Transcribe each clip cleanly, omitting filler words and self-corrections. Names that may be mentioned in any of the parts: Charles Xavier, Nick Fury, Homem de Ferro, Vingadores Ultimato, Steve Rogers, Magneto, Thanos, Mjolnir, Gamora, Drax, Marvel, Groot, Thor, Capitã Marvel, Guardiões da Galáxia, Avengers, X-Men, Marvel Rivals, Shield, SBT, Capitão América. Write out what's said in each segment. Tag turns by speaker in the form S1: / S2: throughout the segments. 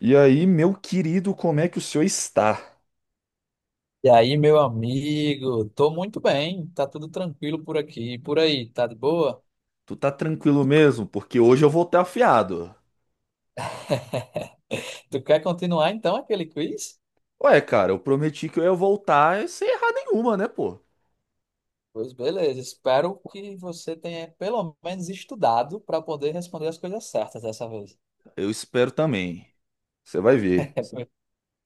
S1: E aí, meu querido, como é que o senhor está?
S2: E aí, meu amigo, tô muito bem, tá tudo tranquilo por aqui, e por aí, tá de boa?
S1: Tu tá tranquilo mesmo? Porque hoje eu voltei afiado.
S2: Tu quer continuar então aquele quiz?
S1: Ué, cara, eu prometi que eu ia voltar sem errar nenhuma, né, pô?
S2: Pois beleza, espero que você tenha pelo menos estudado para poder responder as coisas certas dessa vez.
S1: Eu espero também. Você vai ver.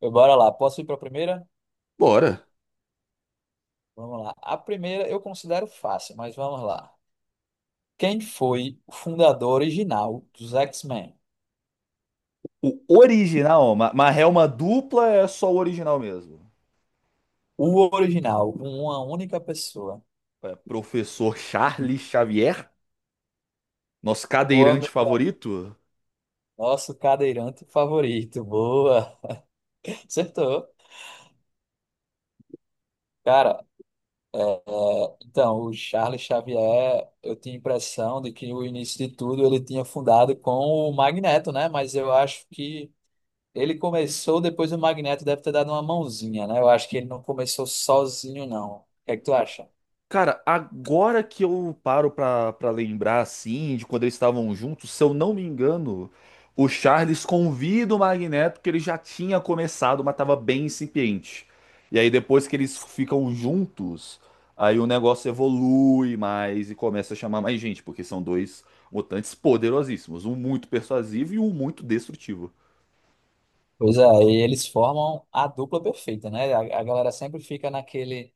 S2: Bora lá, posso ir para a primeira?
S1: Bora.
S2: Vamos lá. A primeira eu considero fácil, mas vamos lá. Quem foi o fundador original dos X-Men?
S1: O original, ó, mas é uma dupla, é só o original mesmo.
S2: O original, uma única pessoa.
S1: É, professor Charles Xavier, nosso
S2: Boa,
S1: cadeirante
S2: meu
S1: favorito.
S2: nosso cadeirante favorito. Boa. Acertou. Cara, então, o Charles Xavier, eu tinha a impressão de que o início de tudo ele tinha fundado com o Magneto, né? Mas eu acho que ele começou depois do Magneto, deve ter dado uma mãozinha, né? Eu acho que ele não começou sozinho, não. O que é que tu acha?
S1: Cara, agora que eu paro pra lembrar, assim, de quando eles estavam juntos, se eu não me engano, o Charles convida o Magneto, que ele já tinha começado, mas tava bem incipiente. E aí depois que eles ficam juntos, aí o negócio evolui mais e começa a chamar mais gente, porque são dois mutantes poderosíssimos, um muito persuasivo e um muito destrutivo.
S2: Pois é, e eles formam a dupla perfeita, né? A galera sempre fica naquele.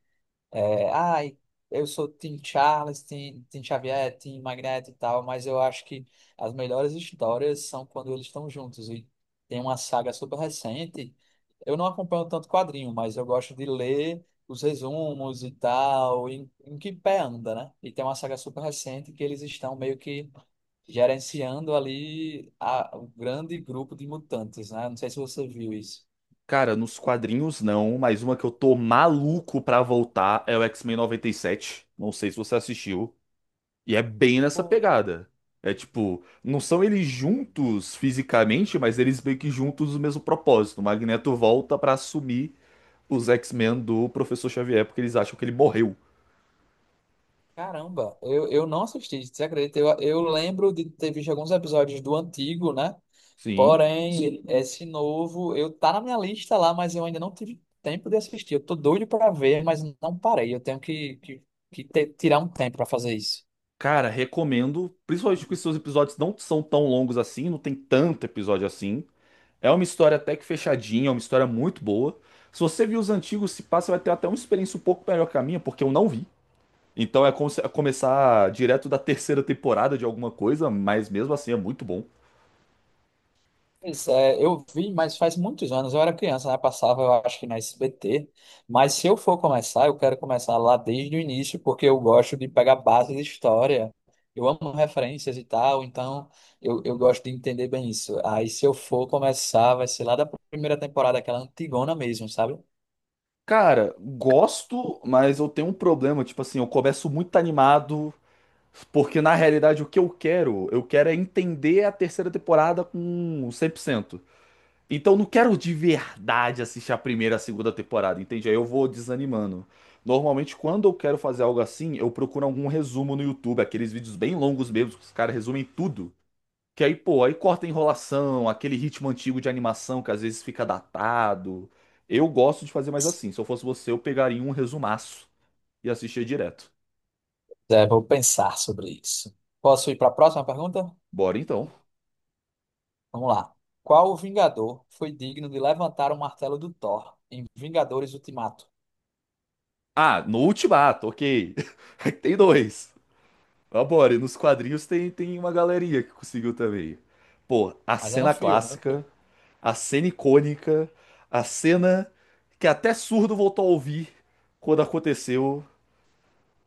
S2: É, ai, eu sou Tim Charles, Tim Xavier, Tim Magneto e tal, mas eu acho que as melhores histórias são quando eles estão juntos. E tem uma saga super recente. Eu não acompanho tanto quadrinho, mas eu gosto de ler os resumos e tal, em que pé anda, né? E tem uma saga super recente que eles estão meio que gerenciando ali o grande grupo de mutantes, né? Não sei se você viu isso.
S1: Cara, nos quadrinhos não, mas uma que eu tô maluco pra voltar é o X-Men 97. Não sei se você assistiu. E é bem nessa pegada. É tipo, não são eles juntos fisicamente, mas eles meio que juntos o mesmo propósito. O Magneto volta pra assumir os X-Men do Professor Xavier, porque eles acham que ele morreu.
S2: Caramba, eu não assisti, você acredita? Eu lembro de ter visto alguns episódios do antigo, né?
S1: Sim.
S2: Porém, Sim. esse novo, eu tá na minha lista lá, mas eu ainda não tive tempo de assistir. Eu tô doido pra ver, mas não parei. Eu tenho que tirar um tempo pra fazer isso.
S1: Cara, recomendo, principalmente porque seus episódios não são tão longos assim, não tem tanto episódio assim. É uma história até que fechadinha, é uma história muito boa. Se você viu os antigos, se passa, vai ter até uma experiência um pouco melhor que a minha, porque eu não vi. Então é como se- é começar direto da terceira temporada de alguma coisa, mas mesmo assim é muito bom.
S2: Pois é, eu vi, mas faz muitos anos, eu era criança, né? Passava, eu acho que na SBT. Mas se eu for começar, eu quero começar lá desde o início, porque eu gosto de pegar base de história. Eu amo referências e tal, então eu gosto de entender bem isso. Aí se eu for começar, vai ser lá da primeira temporada, aquela antigona mesmo, sabe?
S1: Cara, gosto, mas eu tenho um problema. Tipo assim, eu começo muito animado, porque na realidade o que eu quero é entender a terceira temporada com 100%. Então eu não quero de verdade assistir a primeira, a segunda temporada, entende? Aí eu vou desanimando. Normalmente, quando eu quero fazer algo assim, eu procuro algum resumo no YouTube, aqueles vídeos bem longos mesmo, que os caras resumem tudo. Que aí, pô, aí corta a enrolação, aquele ritmo antigo de animação que às vezes fica datado. Eu gosto de fazer mais assim. Se eu fosse você, eu pegaria um resumaço e assistia direto.
S2: É, vou pensar sobre isso. Posso ir para a próxima pergunta?
S1: Bora então.
S2: Vamos lá. Qual Vingador foi digno de levantar o martelo do Thor em Vingadores Ultimato?
S1: Ah, no Ultimato, ok. Tem dois. Mas bora, e nos quadrinhos tem uma galeria que conseguiu também. Pô, a
S2: Mas é no
S1: cena
S2: filme, né?
S1: clássica, a cena icônica, a cena que até surdo voltou a ouvir quando aconteceu,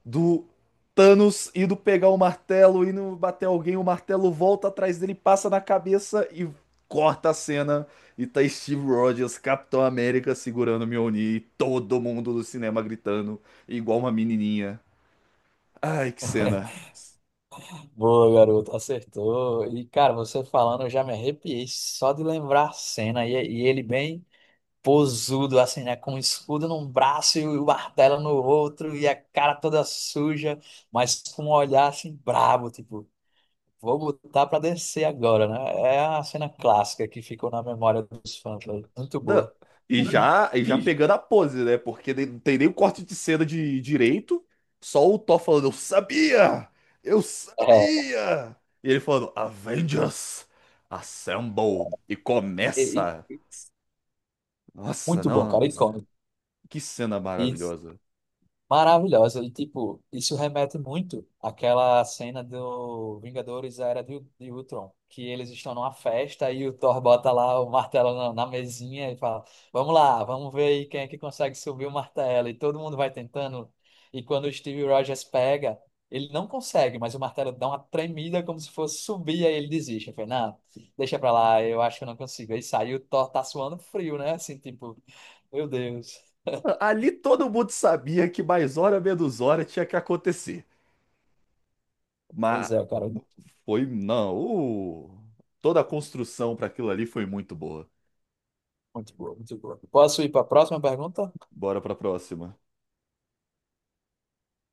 S1: do Thanos indo pegar o martelo, indo bater alguém, o martelo volta atrás dele, passa na cabeça e corta a cena. E tá Steve Rogers, Capitão América, segurando o Mjolnir e todo mundo do cinema gritando, igual uma menininha. Ai, que cena.
S2: Boa, garoto, acertou. E, cara, você falando, eu já me arrepiei só de lembrar a cena. E ele bem posudo, assim, né? Com o escudo num braço e o martelo no outro, e a cara toda suja, mas com um olhar assim brabo, tipo, vou botar pra descer agora, né? É a cena clássica que ficou na memória dos fãs, né? Muito
S1: Não.
S2: boa.
S1: E já pegando a pose, né? Porque não tem nem o corte de cena de direito, só o Thor falando, eu sabia! Eu
S2: É,
S1: sabia! E ele falando, Avengers, assemble! E
S2: e-
S1: começa!
S2: e-
S1: Nossa,
S2: muito bom, cara,
S1: não,
S2: icônico.
S1: que cena maravilhosa.
S2: Maravilhosa. E, tipo, isso remete muito àquela cena do Vingadores Era de Ultron, que eles estão numa festa e o Thor bota lá o martelo na mesinha e fala: Vamos lá, vamos ver aí quem é que consegue subir o martelo. E todo mundo vai tentando. E quando o Steve Rogers pega, ele não consegue, mas o martelo dá uma tremida como se fosse subir, aí ele desiste. Eu falei: Não, deixa pra lá, eu acho que eu não consigo. Aí saiu, o Thor tá suando frio, né? Assim, tipo, meu Deus.
S1: Ali todo mundo sabia que mais hora menos hora tinha que acontecer. Mas
S2: Pois é, cara.
S1: foi, não, toda a construção para aquilo ali foi muito boa.
S2: Muito boa, muito boa. Posso ir para a próxima pergunta?
S1: Bora pra próxima.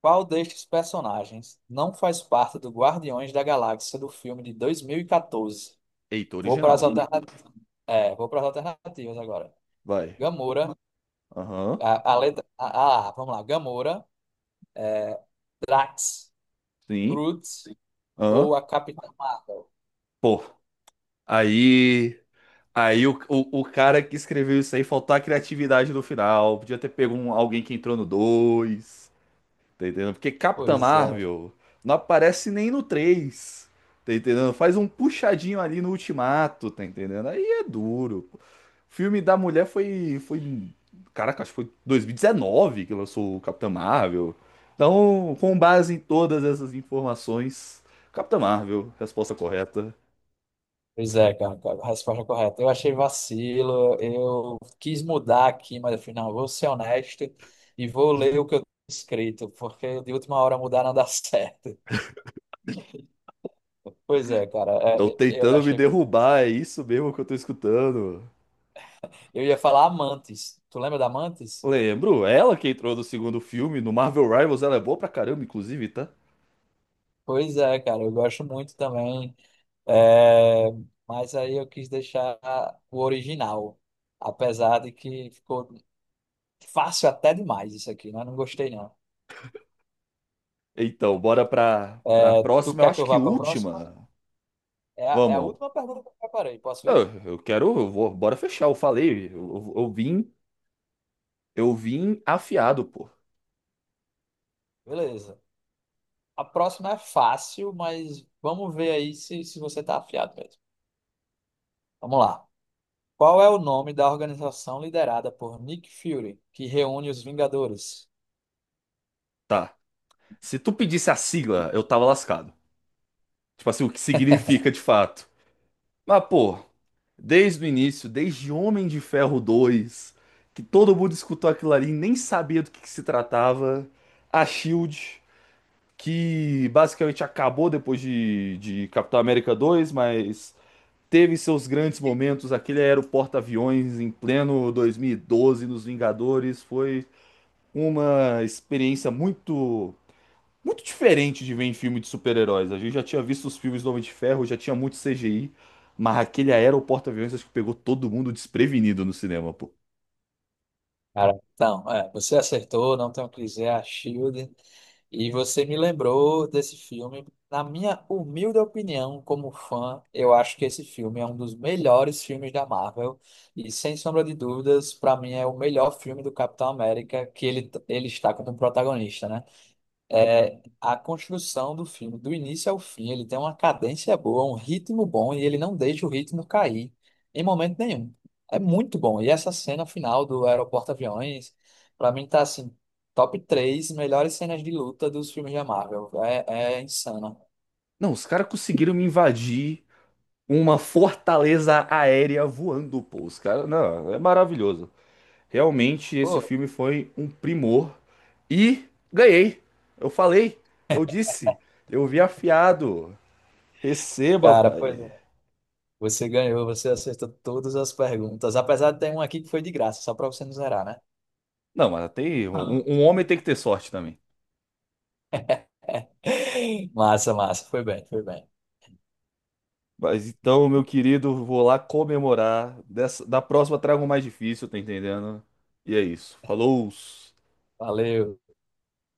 S2: Qual destes personagens não faz parte do Guardiões da Galáxia do filme de 2014?
S1: Eita,
S2: Vou para as
S1: original.
S2: alternativas. É, vou para as alternativas agora.
S1: Vai.
S2: Gamora,
S1: Aham,
S2: a letra. Ah, vamos lá. Gamora, Drax,
S1: sim.
S2: Groot ou
S1: Aham.
S2: a Capitã Marvel?
S1: Pô, aí. Aí o cara que escreveu isso aí faltou a criatividade no final. Podia ter pego alguém que entrou no 2. Tá entendendo? Porque Capitã
S2: Pois é.
S1: Marvel não aparece nem no 3. Tá entendendo? Faz um puxadinho ali no Ultimato, tá entendendo? Aí é duro, pô. O filme da mulher foi. Caraca, acho que foi 2019 que lançou o Capitã Marvel. Então, com base em todas essas informações, Capitã Marvel, resposta correta.
S2: Pois é, cara, a resposta é correta. Eu achei vacilo, eu quis mudar aqui, mas afinal, vou ser honesto e vou ler o que eu tenho escrito, porque de última hora mudar não dá certo. Pois é, cara,
S1: Estão
S2: é, eu
S1: tentando me
S2: achei muito fácil.
S1: derrubar, é isso mesmo que eu tô escutando.
S2: Eu ia falar Amantes. Tu lembra da Amantes?
S1: Lembro, ela que entrou no segundo filme, no Marvel Rivals, ela é boa pra caramba, inclusive, tá?
S2: Pois é, cara, eu gosto muito também, é, mas aí eu quis deixar o original, apesar de que ficou fácil até demais isso aqui, mas não gostei não.
S1: Então, bora pra
S2: É, tu
S1: próxima. Eu
S2: quer que
S1: acho
S2: eu
S1: que
S2: vá para a próxima?
S1: última.
S2: É a
S1: Vamos.
S2: última pergunta que eu preparei. Posso
S1: Eu,
S2: ir?
S1: eu quero. Eu vou, bora fechar. Eu falei. Eu vim. Eu vim afiado, pô.
S2: Beleza. A próxima é fácil, mas vamos ver aí se você está afiado mesmo. Vamos lá. Qual é o nome da organização liderada por Nick Fury, que reúne os Vingadores?
S1: Tá. Se tu pedisse a sigla, eu tava lascado. Tipo assim, o que significa de fato. Mas, pô, desde o início, desde Homem de Ferro 2, que todo mundo escutou aquilo ali, e nem sabia do que se tratava. A Shield, que basicamente acabou depois de Capitão América 2, mas teve seus grandes momentos. Aquele era o porta-aviões em pleno 2012 nos Vingadores. Foi uma experiência muito muito diferente de ver em filme de super-heróis. A gente já tinha visto os filmes do Homem de Ferro, já tinha muito CGI, mas aquele era o porta-aviões acho que pegou todo mundo desprevenido no cinema, pô.
S2: Cara, então, é, você acertou, não tenho o que dizer, a Shield. E você me lembrou desse filme. Na minha humilde opinião, como fã, eu acho que esse filme é um dos melhores filmes da Marvel. E sem sombra de dúvidas, para mim é o melhor filme do Capitão América que ele está como protagonista, né? É a construção do filme, do início ao fim. Ele tem uma cadência boa, um ritmo bom e ele não deixa o ritmo cair em momento nenhum. É muito bom. E essa cena final do Aeroporto Aviões, pra mim tá assim, top 3 melhores cenas de luta dos filmes da Marvel. É, é insana.
S1: Não, os caras conseguiram me invadir uma fortaleza aérea voando, pô. Os caras, não, é maravilhoso. Realmente esse
S2: Pô,
S1: filme foi um primor e ganhei. Eu falei, eu disse, eu vi afiado. Receba,
S2: cara, pois
S1: pai.
S2: é. Você ganhou, você acertou todas as perguntas, apesar de ter uma aqui que foi de graça, só pra você não zerar, né?
S1: Não, mas tem um homem tem que ter sorte também.
S2: Massa, massa, foi bem, foi bem.
S1: Mas então, meu querido, vou lá comemorar. Dessa, da próxima trago um mais difícil, tá entendendo? E é isso. Falou!
S2: Valeu.